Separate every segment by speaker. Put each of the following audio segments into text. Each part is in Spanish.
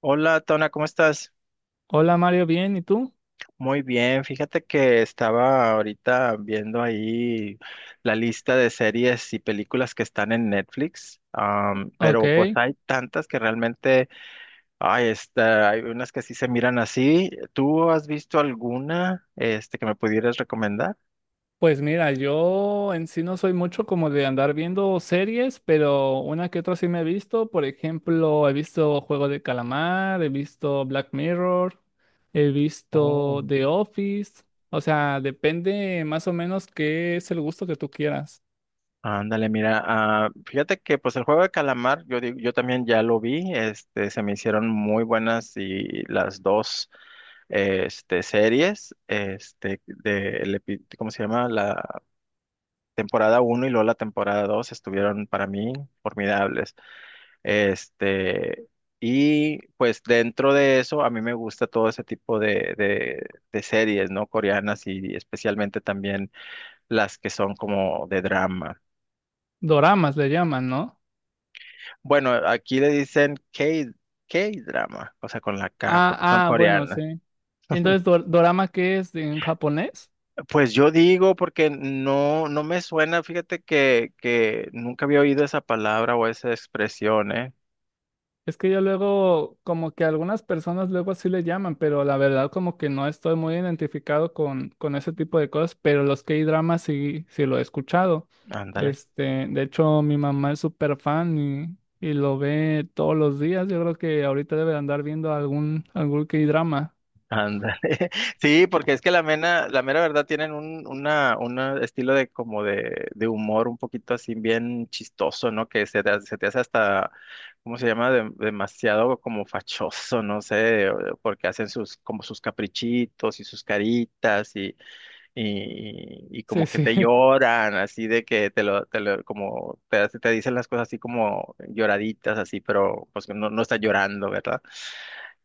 Speaker 1: Hola, Tona, ¿cómo estás?
Speaker 2: Hola Mario, bien, ¿y tú?
Speaker 1: Muy bien, fíjate que estaba ahorita viendo ahí la lista de series y películas que están en Netflix,
Speaker 2: Ok,
Speaker 1: pero pues hay tantas que realmente, ay, hay unas que sí se miran así. ¿Tú has visto alguna, que me pudieras recomendar?
Speaker 2: pues mira, yo en sí no soy mucho como de andar viendo series, pero una que otra sí me he visto. Por ejemplo, he visto Juego de Calamar, he visto Black Mirror, he
Speaker 1: Oh.
Speaker 2: visto The Office. O sea, depende más o menos qué es el gusto que tú quieras.
Speaker 1: Ándale, mira, fíjate que pues el Juego de Calamar, yo digo, yo también ya lo vi, se me hicieron muy buenas y las dos series, de, ¿cómo se llama? La temporada uno y luego la temporada 2 estuvieron para mí formidables. Este, y pues dentro de eso, a mí me gusta todo ese tipo de series, ¿no? Coreanas y especialmente también las que son como de drama.
Speaker 2: Doramas le llaman, ¿no?
Speaker 1: Bueno, aquí le dicen K, K-drama, o sea, con la K, porque son
Speaker 2: Ah, ah, bueno, sí.
Speaker 1: coreanas.
Speaker 2: Entonces, ¿dorama qué es en japonés?
Speaker 1: Pues yo digo, porque no, no me suena, fíjate que nunca había oído esa palabra o esa expresión, ¿eh?
Speaker 2: Es que yo luego, como que algunas personas luego así le llaman, pero la verdad como que no estoy muy identificado con ese tipo de cosas, pero los K-dramas sí, sí lo he escuchado.
Speaker 1: Ándale.
Speaker 2: Este, de hecho, mi mamá es súper fan y lo ve todos los días. Yo creo que ahorita debe de andar viendo algún K-drama.
Speaker 1: Ándale. Sí, porque es que la mera verdad tienen un una estilo de como de humor un poquito así bien chistoso, ¿no? Que se te hace hasta, ¿cómo se llama? Demasiado como fachoso, no sé, porque hacen sus, como sus caprichitos y sus caritas y
Speaker 2: Sí,
Speaker 1: como que
Speaker 2: sí.
Speaker 1: te lloran, así de que como te dicen las cosas así como lloraditas, así, pero pues que no, no está llorando, ¿verdad?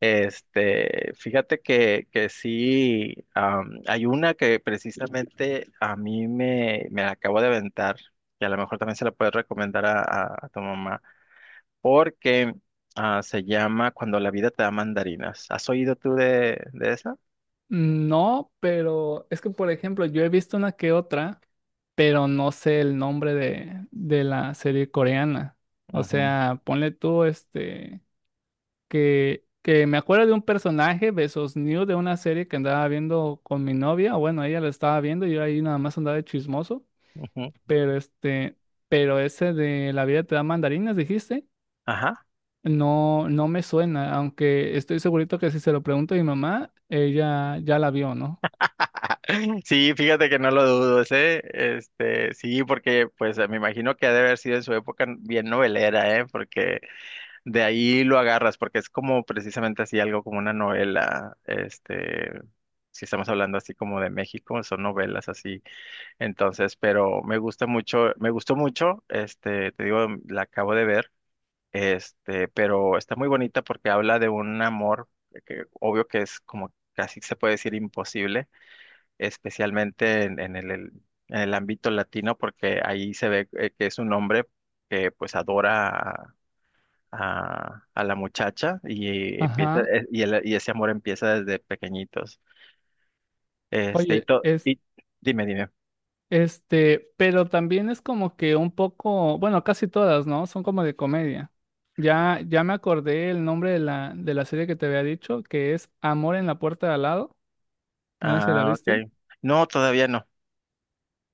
Speaker 1: Fíjate que sí, hay una que precisamente a mí me la acabo de aventar, que a lo mejor también se la puedes recomendar a, a tu mamá, porque se llama Cuando la vida te da mandarinas. ¿Has oído tú de esa?
Speaker 2: No, pero es que, por ejemplo, yo he visto una que otra, pero no sé el nombre de la serie coreana. O
Speaker 1: Ujú,
Speaker 2: sea, ponle tú este... que me acuerdo de un personaje, Besos New, de una serie que andaba viendo con mi novia, o bueno, ella la estaba viendo, y yo ahí nada más andaba de chismoso,
Speaker 1: ujú.
Speaker 2: pero este, pero ese de La vida te da mandarinas, dijiste,
Speaker 1: Ajá.
Speaker 2: no, no me suena, aunque estoy segurito que si se lo pregunto a mi mamá, ella ya la vio, ¿no?
Speaker 1: Sí, fíjate que no lo dudo, ¿eh? Sí, porque pues me imagino que ha de haber sido en su época bien novelera, ¿eh? Porque de ahí lo agarras, porque es como precisamente así algo como una novela, si estamos hablando así como de México, son novelas así. Entonces, pero me gusta mucho, me gustó mucho, te digo, la acabo de ver, pero está muy bonita porque habla de un amor que obvio que es como casi se puede decir imposible especialmente en el ámbito latino, porque ahí se ve que es un hombre que pues adora a, a la muchacha y empieza
Speaker 2: Ajá.
Speaker 1: y ese amor empieza desde pequeñitos. Este, y,
Speaker 2: Oye,
Speaker 1: to- y dime, dime.
Speaker 2: este, pero también es como que un poco, bueno, casi todas, ¿no? Son como de comedia. Ya, ya me acordé el nombre de la serie que te había dicho, que es Amor en la puerta de al lado. No sé si la
Speaker 1: Ah,
Speaker 2: viste.
Speaker 1: ok. No, todavía no.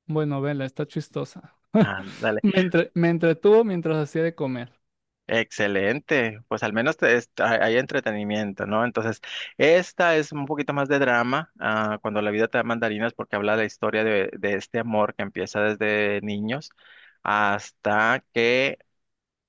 Speaker 2: Bueno, vela, está chistosa.
Speaker 1: Ah,
Speaker 2: Me entretuvo mientras hacía de comer.
Speaker 1: excelente, pues al menos hay entretenimiento, ¿no? Entonces, esta es un poquito más de drama, cuando la vida te da mandarinas, porque habla de la historia de este amor que empieza desde niños hasta que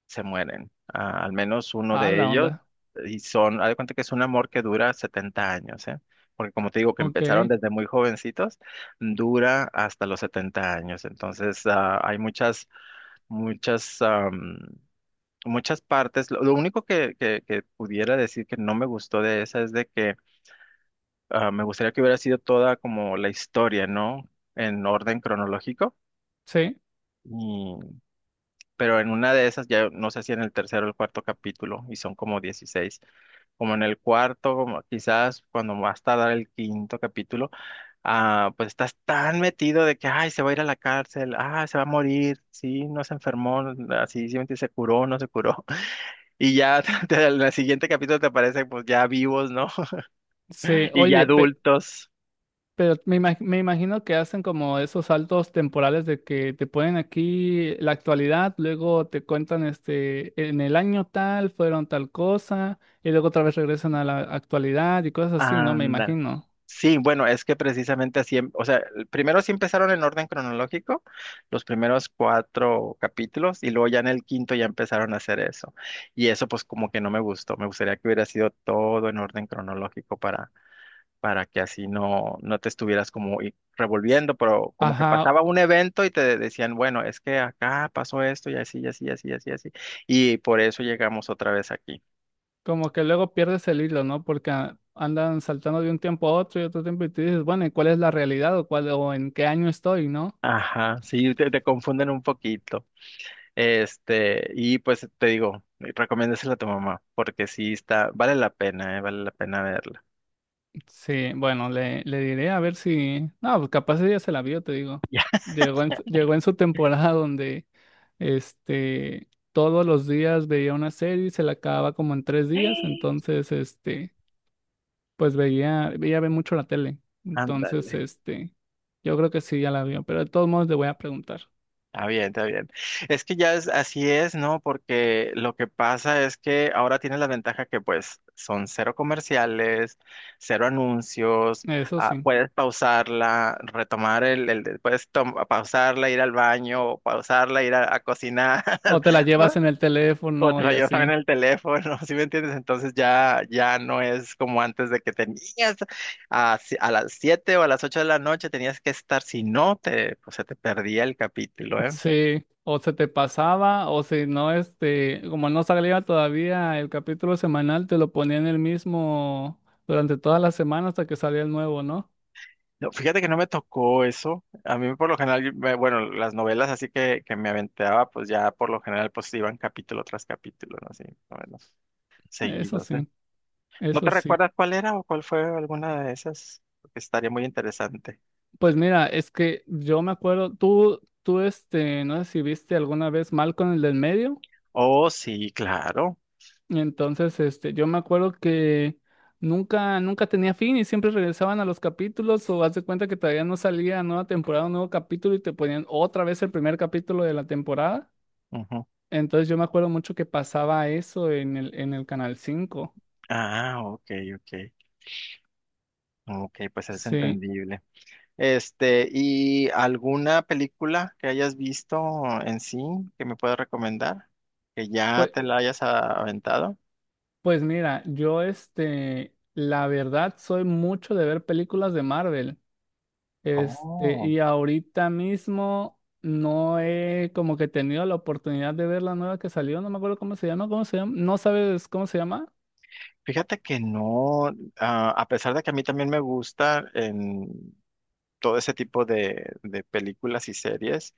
Speaker 1: se mueren. Ah, al menos uno
Speaker 2: Ah,
Speaker 1: de
Speaker 2: la
Speaker 1: ellos,
Speaker 2: onda.
Speaker 1: y son, haz de cuenta que es un amor que dura 70 años, ¿eh? Porque como te digo, que
Speaker 2: Ok,
Speaker 1: empezaron desde muy jovencitos, dura hasta los 70 años, entonces hay muchas muchas muchas partes. Lo único que pudiera decir que no me gustó de esa es de que me gustaría que hubiera sido toda como la historia, ¿no? En orden cronológico.
Speaker 2: sí,
Speaker 1: Y- pero en una de esas, ya no sé si en el tercero o el cuarto capítulo, y son como 16, como en el cuarto, como quizás cuando va a dar el quinto capítulo, pues estás tan metido de que, ay, se va a ir a la cárcel, se va a morir, sí, no se enfermó, así, sí, se curó, no se curó. Y ya en el siguiente capítulo te aparecen pues ya vivos, ¿no?
Speaker 2: sí.
Speaker 1: Y ya
Speaker 2: Oye, pe-
Speaker 1: adultos.
Speaker 2: Pero me imag- me imagino que hacen como esos saltos temporales de que te ponen aquí la actualidad, luego te cuentan este, en el año tal fueron tal cosa, y luego otra vez regresan a la actualidad y cosas así, ¿no? Me
Speaker 1: Anda.
Speaker 2: imagino.
Speaker 1: Sí, bueno, es que precisamente así, o sea, primero sí empezaron en orden cronológico, los primeros cuatro capítulos, y luego ya en el quinto ya empezaron a hacer eso. Y eso pues como que no me gustó, me gustaría que hubiera sido todo en orden cronológico para que así no, no te estuvieras como revolviendo, pero como que
Speaker 2: Ajá,
Speaker 1: pasaba un evento y decían, bueno, es que acá pasó esto y así, y así, y así, y así, y así, y por eso llegamos otra vez aquí.
Speaker 2: como que luego pierdes el hilo, ¿no? Porque andan saltando de un tiempo a otro y otro tiempo y te dices, bueno, ¿y cuál es la realidad o cuál o en qué año estoy? ¿No?
Speaker 1: Ajá, sí, te confunden un poquito. Y pues te digo, recomiéndasela a tu mamá, porque sí está, vale la pena verla.
Speaker 2: Sí, bueno, le diré a ver si. No, pues capaz ella se la vio, te digo.
Speaker 1: Ya,
Speaker 2: Llegó en su temporada donde este todos los días veía una serie y se la acababa como en 3 días. Entonces, este, pues ella ve mucho la tele. Entonces,
Speaker 1: ándale.
Speaker 2: este, yo creo que sí ya la vio, pero de todos modos le voy a preguntar.
Speaker 1: Está bien, está bien. Es que ya es así es, ¿no? Porque lo que pasa es que ahora tiene la ventaja que pues son cero comerciales, cero anuncios,
Speaker 2: Eso sí.
Speaker 1: puedes pausarla, retomar pausarla, ir al baño, o pausarla, ir a cocinar,
Speaker 2: O te la llevas en el
Speaker 1: o te
Speaker 2: teléfono
Speaker 1: lo
Speaker 2: y
Speaker 1: llevas también
Speaker 2: así.
Speaker 1: en el teléfono, ¿sí me entiendes? Entonces ya no es como antes de que tenías a, si- a las 7 o a las 8 de la noche tenías que estar, si no te, pues se te perdía el capítulo, ¿eh?
Speaker 2: Sí, o se te pasaba, o si no, este, como no salía todavía el capítulo semanal, te lo ponían el mismo durante toda la semana hasta que salía el nuevo, ¿no?
Speaker 1: No, fíjate que no me tocó eso. A mí por lo general, bueno, las novelas así que me aventaba, pues ya por lo general pues iban capítulo tras capítulo, ¿no? Así, más o menos
Speaker 2: Eso
Speaker 1: seguidos, ¿eh?
Speaker 2: sí,
Speaker 1: ¿No te
Speaker 2: eso sí.
Speaker 1: recuerdas cuál era o cuál fue alguna de esas? Porque estaría muy interesante.
Speaker 2: Pues mira, es que yo me acuerdo, tú, este, no sé si viste alguna vez mal con el del medio,
Speaker 1: Oh, sí, claro.
Speaker 2: y entonces, este, yo me acuerdo que nunca tenía fin y siempre regresaban a los capítulos o haz de cuenta que todavía no salía nueva temporada, un nuevo capítulo y te ponían otra vez el primer capítulo de la temporada.
Speaker 1: Ujú.
Speaker 2: Entonces yo me acuerdo mucho que pasaba eso en el Canal 5.
Speaker 1: Ah, ok, ok. Ok, pues es
Speaker 2: Sí,
Speaker 1: entendible. ¿Y alguna película que hayas visto en sí que me puedas recomendar? Que ya
Speaker 2: pues,
Speaker 1: te la hayas aventado.
Speaker 2: pues mira, yo este, la verdad soy mucho de ver películas de Marvel. Este,
Speaker 1: Oh.
Speaker 2: y ahorita mismo no he como que tenido la oportunidad de ver la nueva que salió, no me acuerdo cómo se llama, ¿cómo se llama? ¿No sabes cómo se llama?
Speaker 1: Fíjate que no, a pesar de que a mí también me gusta en todo ese tipo de películas y series,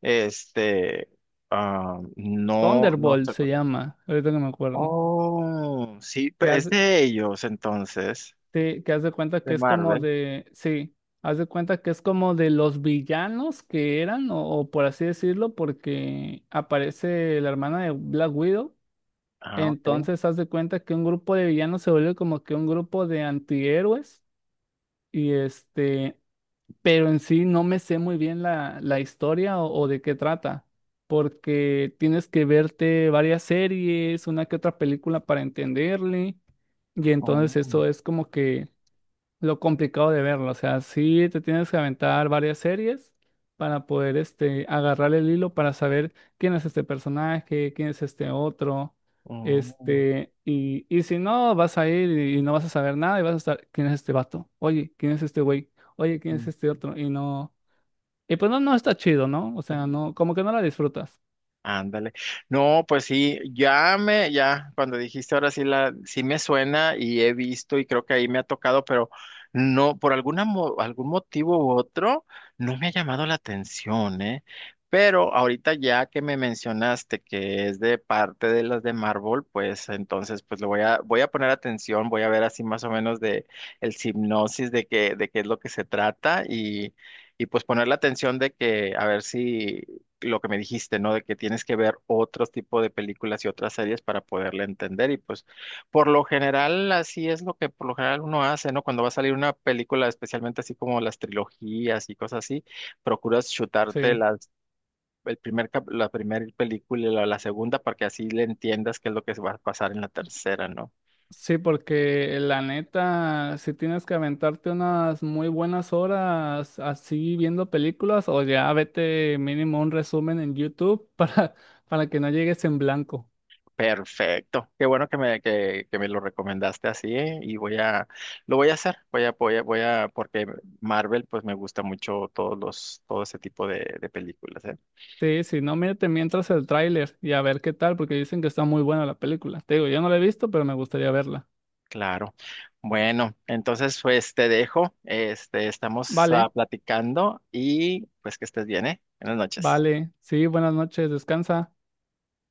Speaker 1: este, no, no
Speaker 2: Thunderbolt
Speaker 1: sé.
Speaker 2: se llama, ahorita que me acuerdo.
Speaker 1: Oh, sí,
Speaker 2: Que
Speaker 1: es
Speaker 2: hace-
Speaker 1: de ellos entonces,
Speaker 2: Sí, que haz de cuenta
Speaker 1: de
Speaker 2: que es como
Speaker 1: Marvel.
Speaker 2: de, sí, haz de cuenta que es como de los villanos que eran, o por así decirlo, porque aparece la hermana de Black Widow,
Speaker 1: Ah, ok.
Speaker 2: entonces haz de cuenta que un grupo de villanos se vuelve como que un grupo de antihéroes, y este, pero en sí no me sé muy bien la historia o de qué trata, porque tienes que verte varias series, una que otra película para entenderle, y entonces
Speaker 1: Oh,
Speaker 2: eso es como que lo complicado de verlo. O sea, sí te tienes que aventar varias series para poder este, agarrar el hilo para saber quién es este personaje, quién es este otro.
Speaker 1: oh,
Speaker 2: Este, y si no, vas a ir y no vas a saber nada y vas a estar, ¿quién es este vato? Oye, ¿quién es este güey? Oye, ¿quién es
Speaker 1: sí.
Speaker 2: este otro? Y no, y pues no, no está chido, ¿no? O sea, no, como que no la disfrutas.
Speaker 1: Ándale. No, pues sí, cuando dijiste ahora sí sí me suena y he visto y creo que ahí me ha tocado, pero no, por alguna, algún motivo u otro, no me ha llamado la atención, ¿eh? Pero ahorita ya que me mencionaste que es de parte de las de Marvel, pues entonces pues le voy a poner atención, voy a ver así más o menos de el hipnosis de qué es lo que se trata y pues poner la atención de que a ver si lo que me dijiste, ¿no? De que tienes que ver otros tipo de películas y otras series para poderle entender. Y pues, por lo general, así es lo que por lo general uno hace, ¿no? Cuando va a salir una película, especialmente así como las trilogías y cosas así, procuras chutarte
Speaker 2: Sí.
Speaker 1: las, el primer, cap- la primera película y la segunda para que así le entiendas qué es lo que va a pasar en la tercera, ¿no?
Speaker 2: Sí, porque la neta, si tienes que aventarte unas muy buenas horas así viendo películas, o ya vete mínimo un resumen en YouTube para que no llegues en blanco.
Speaker 1: Perfecto. Qué bueno que me lo recomendaste así, ¿eh? Y lo voy a hacer, porque Marvel, pues me gusta mucho todos todo ese tipo de películas, ¿eh?
Speaker 2: Sí, si no, mírate mientras el tráiler y a ver qué tal, porque dicen que está muy buena la película. Te digo, yo no la he visto, pero me gustaría verla.
Speaker 1: Claro. Bueno, entonces pues te dejo, estamos
Speaker 2: Vale,
Speaker 1: platicando y pues que estés bien, ¿eh? Buenas noches.
Speaker 2: vale, sí, buenas noches, descansa.